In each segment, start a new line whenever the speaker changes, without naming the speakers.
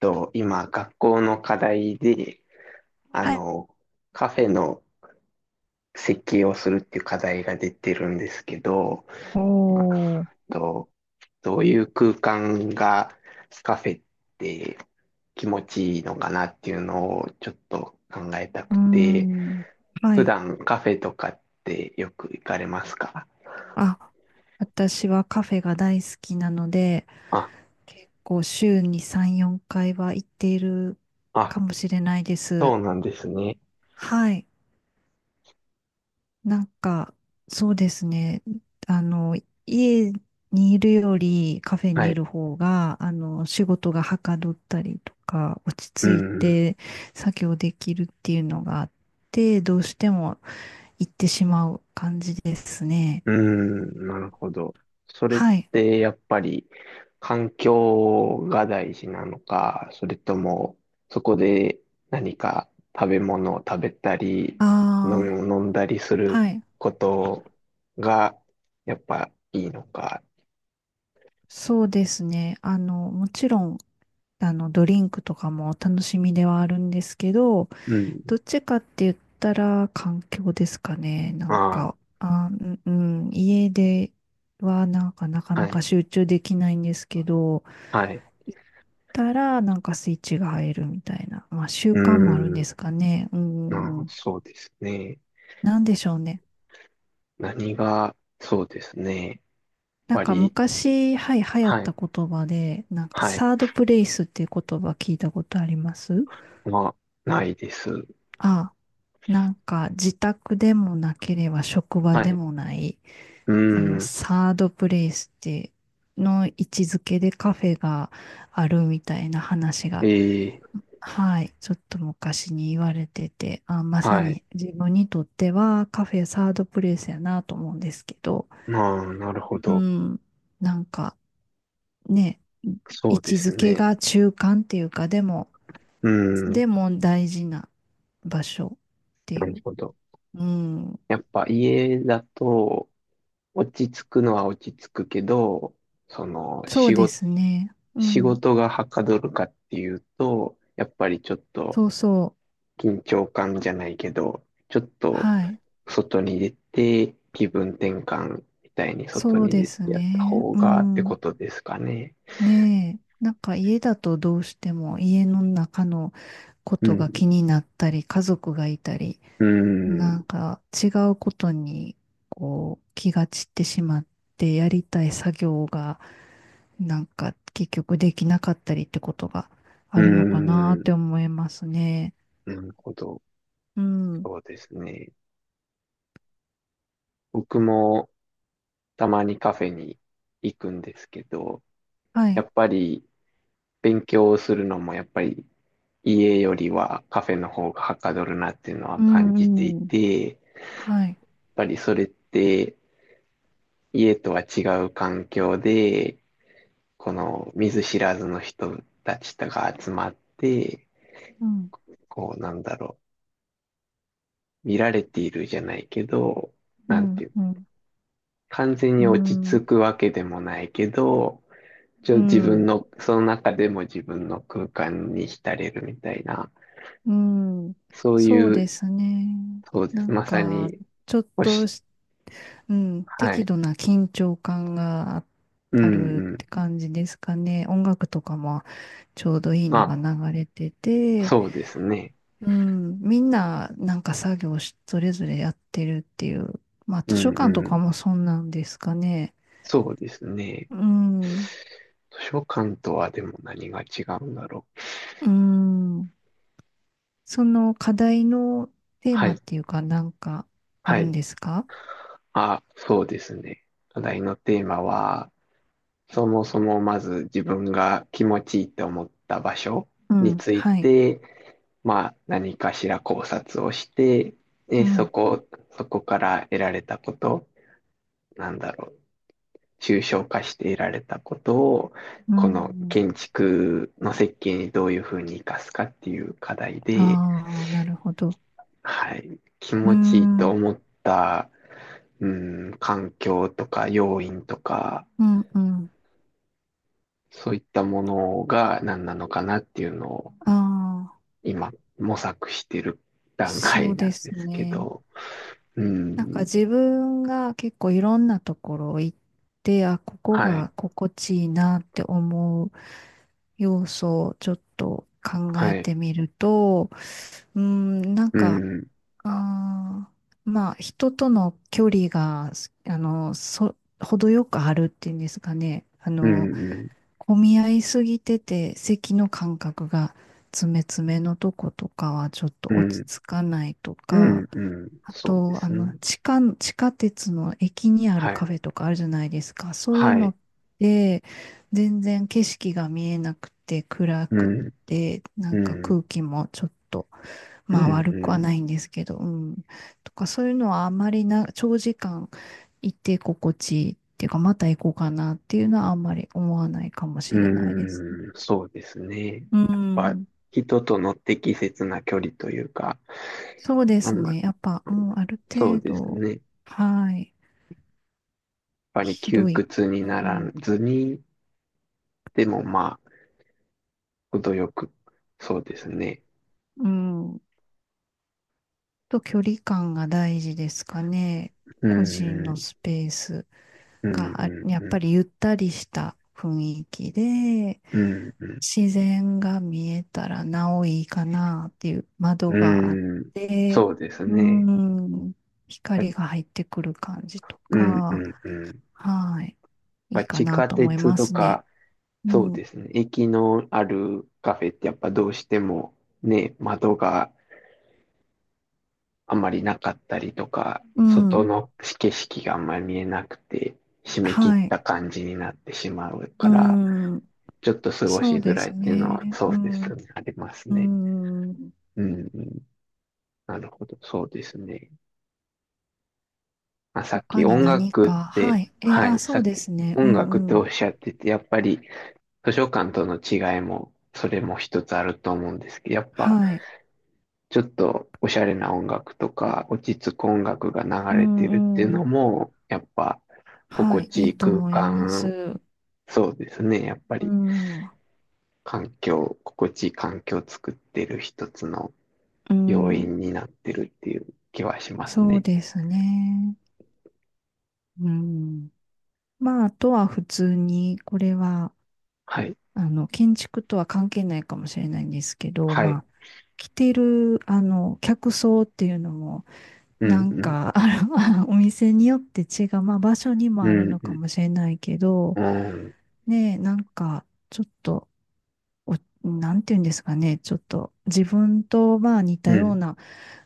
と、今、学校の課題で、あ
はい。
の、カフェの設計をするっていう課題が出てるんですけど、あ
おー、
と、どういう空間がカフェって気持ちいいのかなっていうのをちょっと考えた
う
く
ー
て、
ん。は
普
い。
段カフェとかってよく行かれますか？
あ、私はカフェが大好きなので、
あ、
結構週に3、4回は行っている
あ、
かもしれないです。
そうなんですね。
はい。なんか、そうですね。あの、家にいるよりカフェ
は
にい
い。
る方が、仕事がはかどったりとか、落
う
ち着い
ん。
て作業できるっていうのがあって、どうしても行ってしまう感じですね。
うーん、なるほど。それっ
はい。
てやっぱり環境が大事なのか、それともそこで何か食べ物を食べたり、
あ
飲み
あ、
物飲んだりする
はい。
ことがやっぱいいのか。
そうですね。もちろん、ドリンクとかもお楽しみではあるんですけど、
うん。
どっちかって言ったら環境ですかね。
あ
家ではなんかなか
あ、
な
はい、
か集中できないんですけど、
はい。
行ったらなんかスイッチが入るみたいな、まあ習
う
慣もあるん
ー
で
ん、
すかね。う
ああ、
ん、
そうですね。
なんでしょうね。
何が、そうですね。やっ
なん
ぱ
か
り、
昔、はい、流行っ
はい、
た言葉で、なんか
はい。
サードプレイスっていう言葉聞いたことあります。
まあ、ないです。
あ、なんか自宅でもなければ職場
は
で
い。
もない、
うーん。
サードプレイスっての位置づけでカフェがあるみたいな話が、
ええ、
はい、ちょっと昔に言われてて、あ、まさ
はい。
に自分にとってはカフェサードプレイスやなと思うんですけど、
まあ、なるほ
う
ど。
ん。なんか、ね、
そ
位
うで
置
す
づけ
ね。
が中間っていうか、でも、
うん、
でも大事な場所って
な
い
る
う。
ほど。
うん。
やっぱ家だと、落ち着くのは落ち着くけど、その、
そう
仕
で
事、
すね。う
仕
ん。
事がはかどるかっていうと、やっぱりちょっと
そうそう。
緊張感じゃないけど、ちょっと
はい。
外に出て気分転換みたいに外
そう
に
で
出
す
てやった
ね。
方
う
がってこ
ん。
とですかね。
ねえ。なんか家だとどうしても家の中のこ
う
とが
ん、
気になったり、家族がいたり、
うん、
なんか違うことにこう気が散ってしまってやりたい作業がなんか結局できなかったりってことが
う
あるのかなっ
ん、
て思いますね。
なるほど。
うん。
そうですね。僕もたまにカフェに行くんですけど、
は
や
い。
っぱり勉強をするのもやっぱり家よりはカフェの方がはかどるなっていうのは
う
感じてい
ん、うん。
て、やっ
はい。
ぱりそれって家とは違う環境で、この見ず知らずの人たちとが集まって、
うん、
こうなんだろう、見られているじゃないけど、
う
なんて
ん、
いう、
うん。
完全
う
に落ち
ん、
着くわけでもないけど、一応
う
自分
ん、
の、その中でも自分の空間に浸れるみたいな、
うん。
そう
そう
い
で
う、
すね。
そうで
な
す。
ん
まさ
か、
に、
ちょっ
お
と
し、
し、うん、
は
適
い。
度な緊張感が
う
あ
ん
る
う
っ
ん。
て感じですかね。音楽とかもちょうどいい
ま
のが
あ、
流れてて、
そうですね。
うん、みんななんか作業し、それぞれやってるっていう。まあ
う
図書
ん
館と
う
か
ん。
もそんなんですかね。
そうですね。
うん、
図書館とはでも何が違うんだろう。
うん。その課題のテー
は
マっ
い。
ていうかなんかあ
は
るん
い。
ですか。
あ、そうですね。課題のテーマは、そもそもまず自分が気持ちいいと思った場所
う
に
ん、
つい
はい。
て、まあ、何かしら考察をして、
う
で、
ん、
そこから得られたこと、なんだろう、抽象化して得られたことを、
う
この
ん。
建築の設計にどういうふうに生かすかっていう課題で、
ああ、なるほど。
はい、気
う
持ちいい
ん、う
と
ん、
思った、うん、環境とか要因とか、
うん。
そういったものが何なのかなっていうのを
あ
今模索してる
あ、
段
そ
階
う
な
で
んで
す
すけ
ね。
ど、う
なんか
ん、
自分が結構いろんなところ行って、あ、ここ
はい、
が心地いいなって思う要素をちょっと考
は
え
い。
てみると、うーん、なん
う
か、
ん、
あまあ、人との距離が、程よくあるっていうんですかね。
うん、うん、
混み合いすぎてて、席の間隔が詰め詰めのとことかはちょっと落
う
ち着かないとか、
ん、うん、
あ
そうで
と、
すね。
地下鉄の駅にある
は
カ
い、
フェとかあるじゃないですか。そういう
は
の
い、
って、全然景色が見えなくて、暗
う
く
ん、
て、な
う
んか
ん、
空気もちょっと、
う
まあ
ん、
悪
う
くは
ん、
ないんですけど、うん。とか、そういうのはあんまりな、長時間行って心地いいっていうか、また行こうかなっていうのはあんまり思わないかもしれないですね。
うん、そうですね。
う
やっぱ、
ん。
人との適切な距離というか、
そうで
あん
す
ま、
ね。やっぱ、
あ
う
んま
ん、ある
そう
程
です
度、
ね。やっ
はい。
ぱり窮
広い。
屈に
う
なら
ん
ずに、でもまあ、程よく、そうですね。
うん。と、距離感が大事ですかね。
うん、
個人
う
の
ん、
スペース
うん、
が、や
う
っぱり
ん、
ゆったりした雰囲気で、
うん、う
自然が見えたらなおいいかなっていう
ん、
窓があっ
うん
て、
そうです
う
ね。
ん、光が入ってくる感じと
うん、う
か、
ん、うん。
はい、い
ま
い
あ、
か
地
な
下
と思い
鉄
ま
と
すね。
か、
う
そうで
ん、
すね。駅のあるカフェってやっぱどうしてもね、窓があまりなかったりとか、
う
外
ん、
の景色があんまり見えなくて、締め切っ
はい、
た感じになってしまう
う
から、
ん、
ちょっと過ご
そ
し
う
づ
で
らいっ
す
ていうのは
ね。
そ
う
うで
ん、
すね。あります
う
ね。
ん。
うん、うん。なるほど。そうですね。まあ、さっき
他に
音
何
楽っ
か、は
て、
い。
は
あ、
い、
そ
さ
う
っ
で
き
すね。う
音楽って
んう
お
ん。
っしゃってて、やっぱり図書館との違いも、それも一つあると思うんですけど、やっぱ、
はい。
ちょっとおしゃれな音楽とか、落ち着く音楽が
う
流れてるっていう
んうん。
のも、やっぱ、
は
心
い。
地
い
い
い
い
と
空
思いま
間、
す。
そうですね、やっぱ
う
り、
ん。
心地いい環境を作ってる一つの
う
要
ん。
因になってるっていう気はします
そう
ね。
ですね。うん。まあ、あとは普通に、これは、
はい。
建築とは関係ないかもしれないんですけど、
は
ま
い。
あ、着てる、客層っていうのも、
う
な
ん、
ん
うん、
か、お店によって違う、まあ、場所にも
う
あるのか
ん、
もしれないけど、
うん、
ねえ、なんか、ちょっと、お、なんていうんですかね、ちょっと自分とまあ似
う
た
ん、う
よう
ん、
な、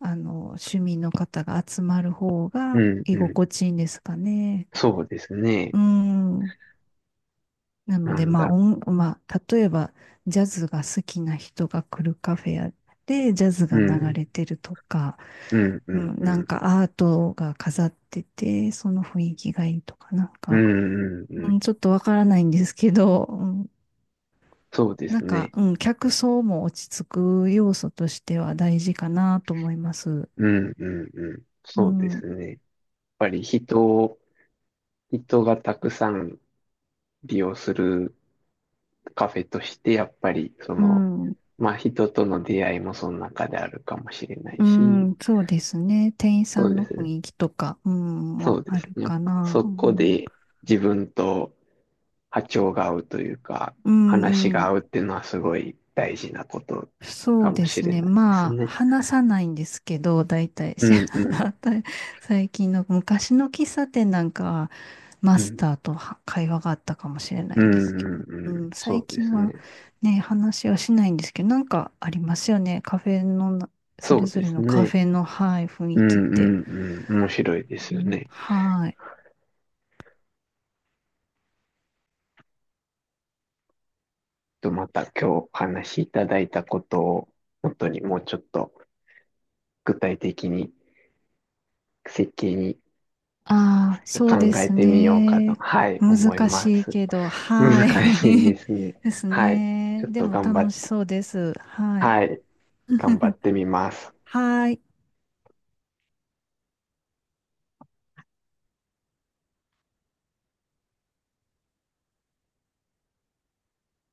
趣味の方が集まる方
う
が
ん。
居
うん
心地いいんですかね。
そうです
う
ね。
ん。なの
な
で、
んだろ
まあ、例えば、ジャズが好きな人が来るカフェやで、ジャズ
う。う
が流
ん、
れてるとか、
うん、う
う
ん、
ん、
う
なん
ん。
かアートが飾ってて、その雰囲気がいいとか、なん
う
か、
んうんう
う
ん。
ん、ちょっとわからないんですけど、
そうで
な
す
んか、
ね。
うん、客層も落ち着く要素としては大事かなと思います。
うんうんうん。
う
そうです
ん、
ね。やっぱり人がたくさん利用するカフェとして、やっぱり
うん、
まあ人との出会いもその中であるかもしれな
う
いし、
ん、そうですね。店員
そ
さ
う
ん
で
の
す
雰
ね。
囲気とか、うん、
そ
も
うで
あ
す
る
ね。
かな。
そ
う
こ
ん、
で自分と波長が合うというか、
う
話
ん、
が
うん。
合うっていうのはすごい大事なこと
そ
か
う
も
で
し
す
れ
ね。
ないです
まあ、
ね。
話さないんですけど、大体、
う
し
んうん。
最近の昔の喫茶店なんかは、マ
う
ス
ん
ターとは会話があったかもしれな
う
いんで
ん
すけ
うん
ど、う
う
ん、
ん、そ
最
うで
近
す
は
ね。
ね、話はしないんですけど、なんかありますよね。カフェのな、そ
そ
れ
う
ぞ
で
れ
す
のカ
ね。
フェの、はい、雰
う
囲気っ
ん
て。
うんうん。面白いです
う
よ
ん、
ね。
はい。
と、また今日お話しいただいたことを、本当にもうちょっと具体的に設計に
ああ、そう
考
で
え
す
てみようかと、
ね。
はい、思い
難
ま
しい
す。
けど、はい。
難しいで すね。
です
はい。
ね。
ちょっ
で
と
も
頑張
楽
っ
し
て、
そうです。はい。
はい、頑張 ってみます。
はい。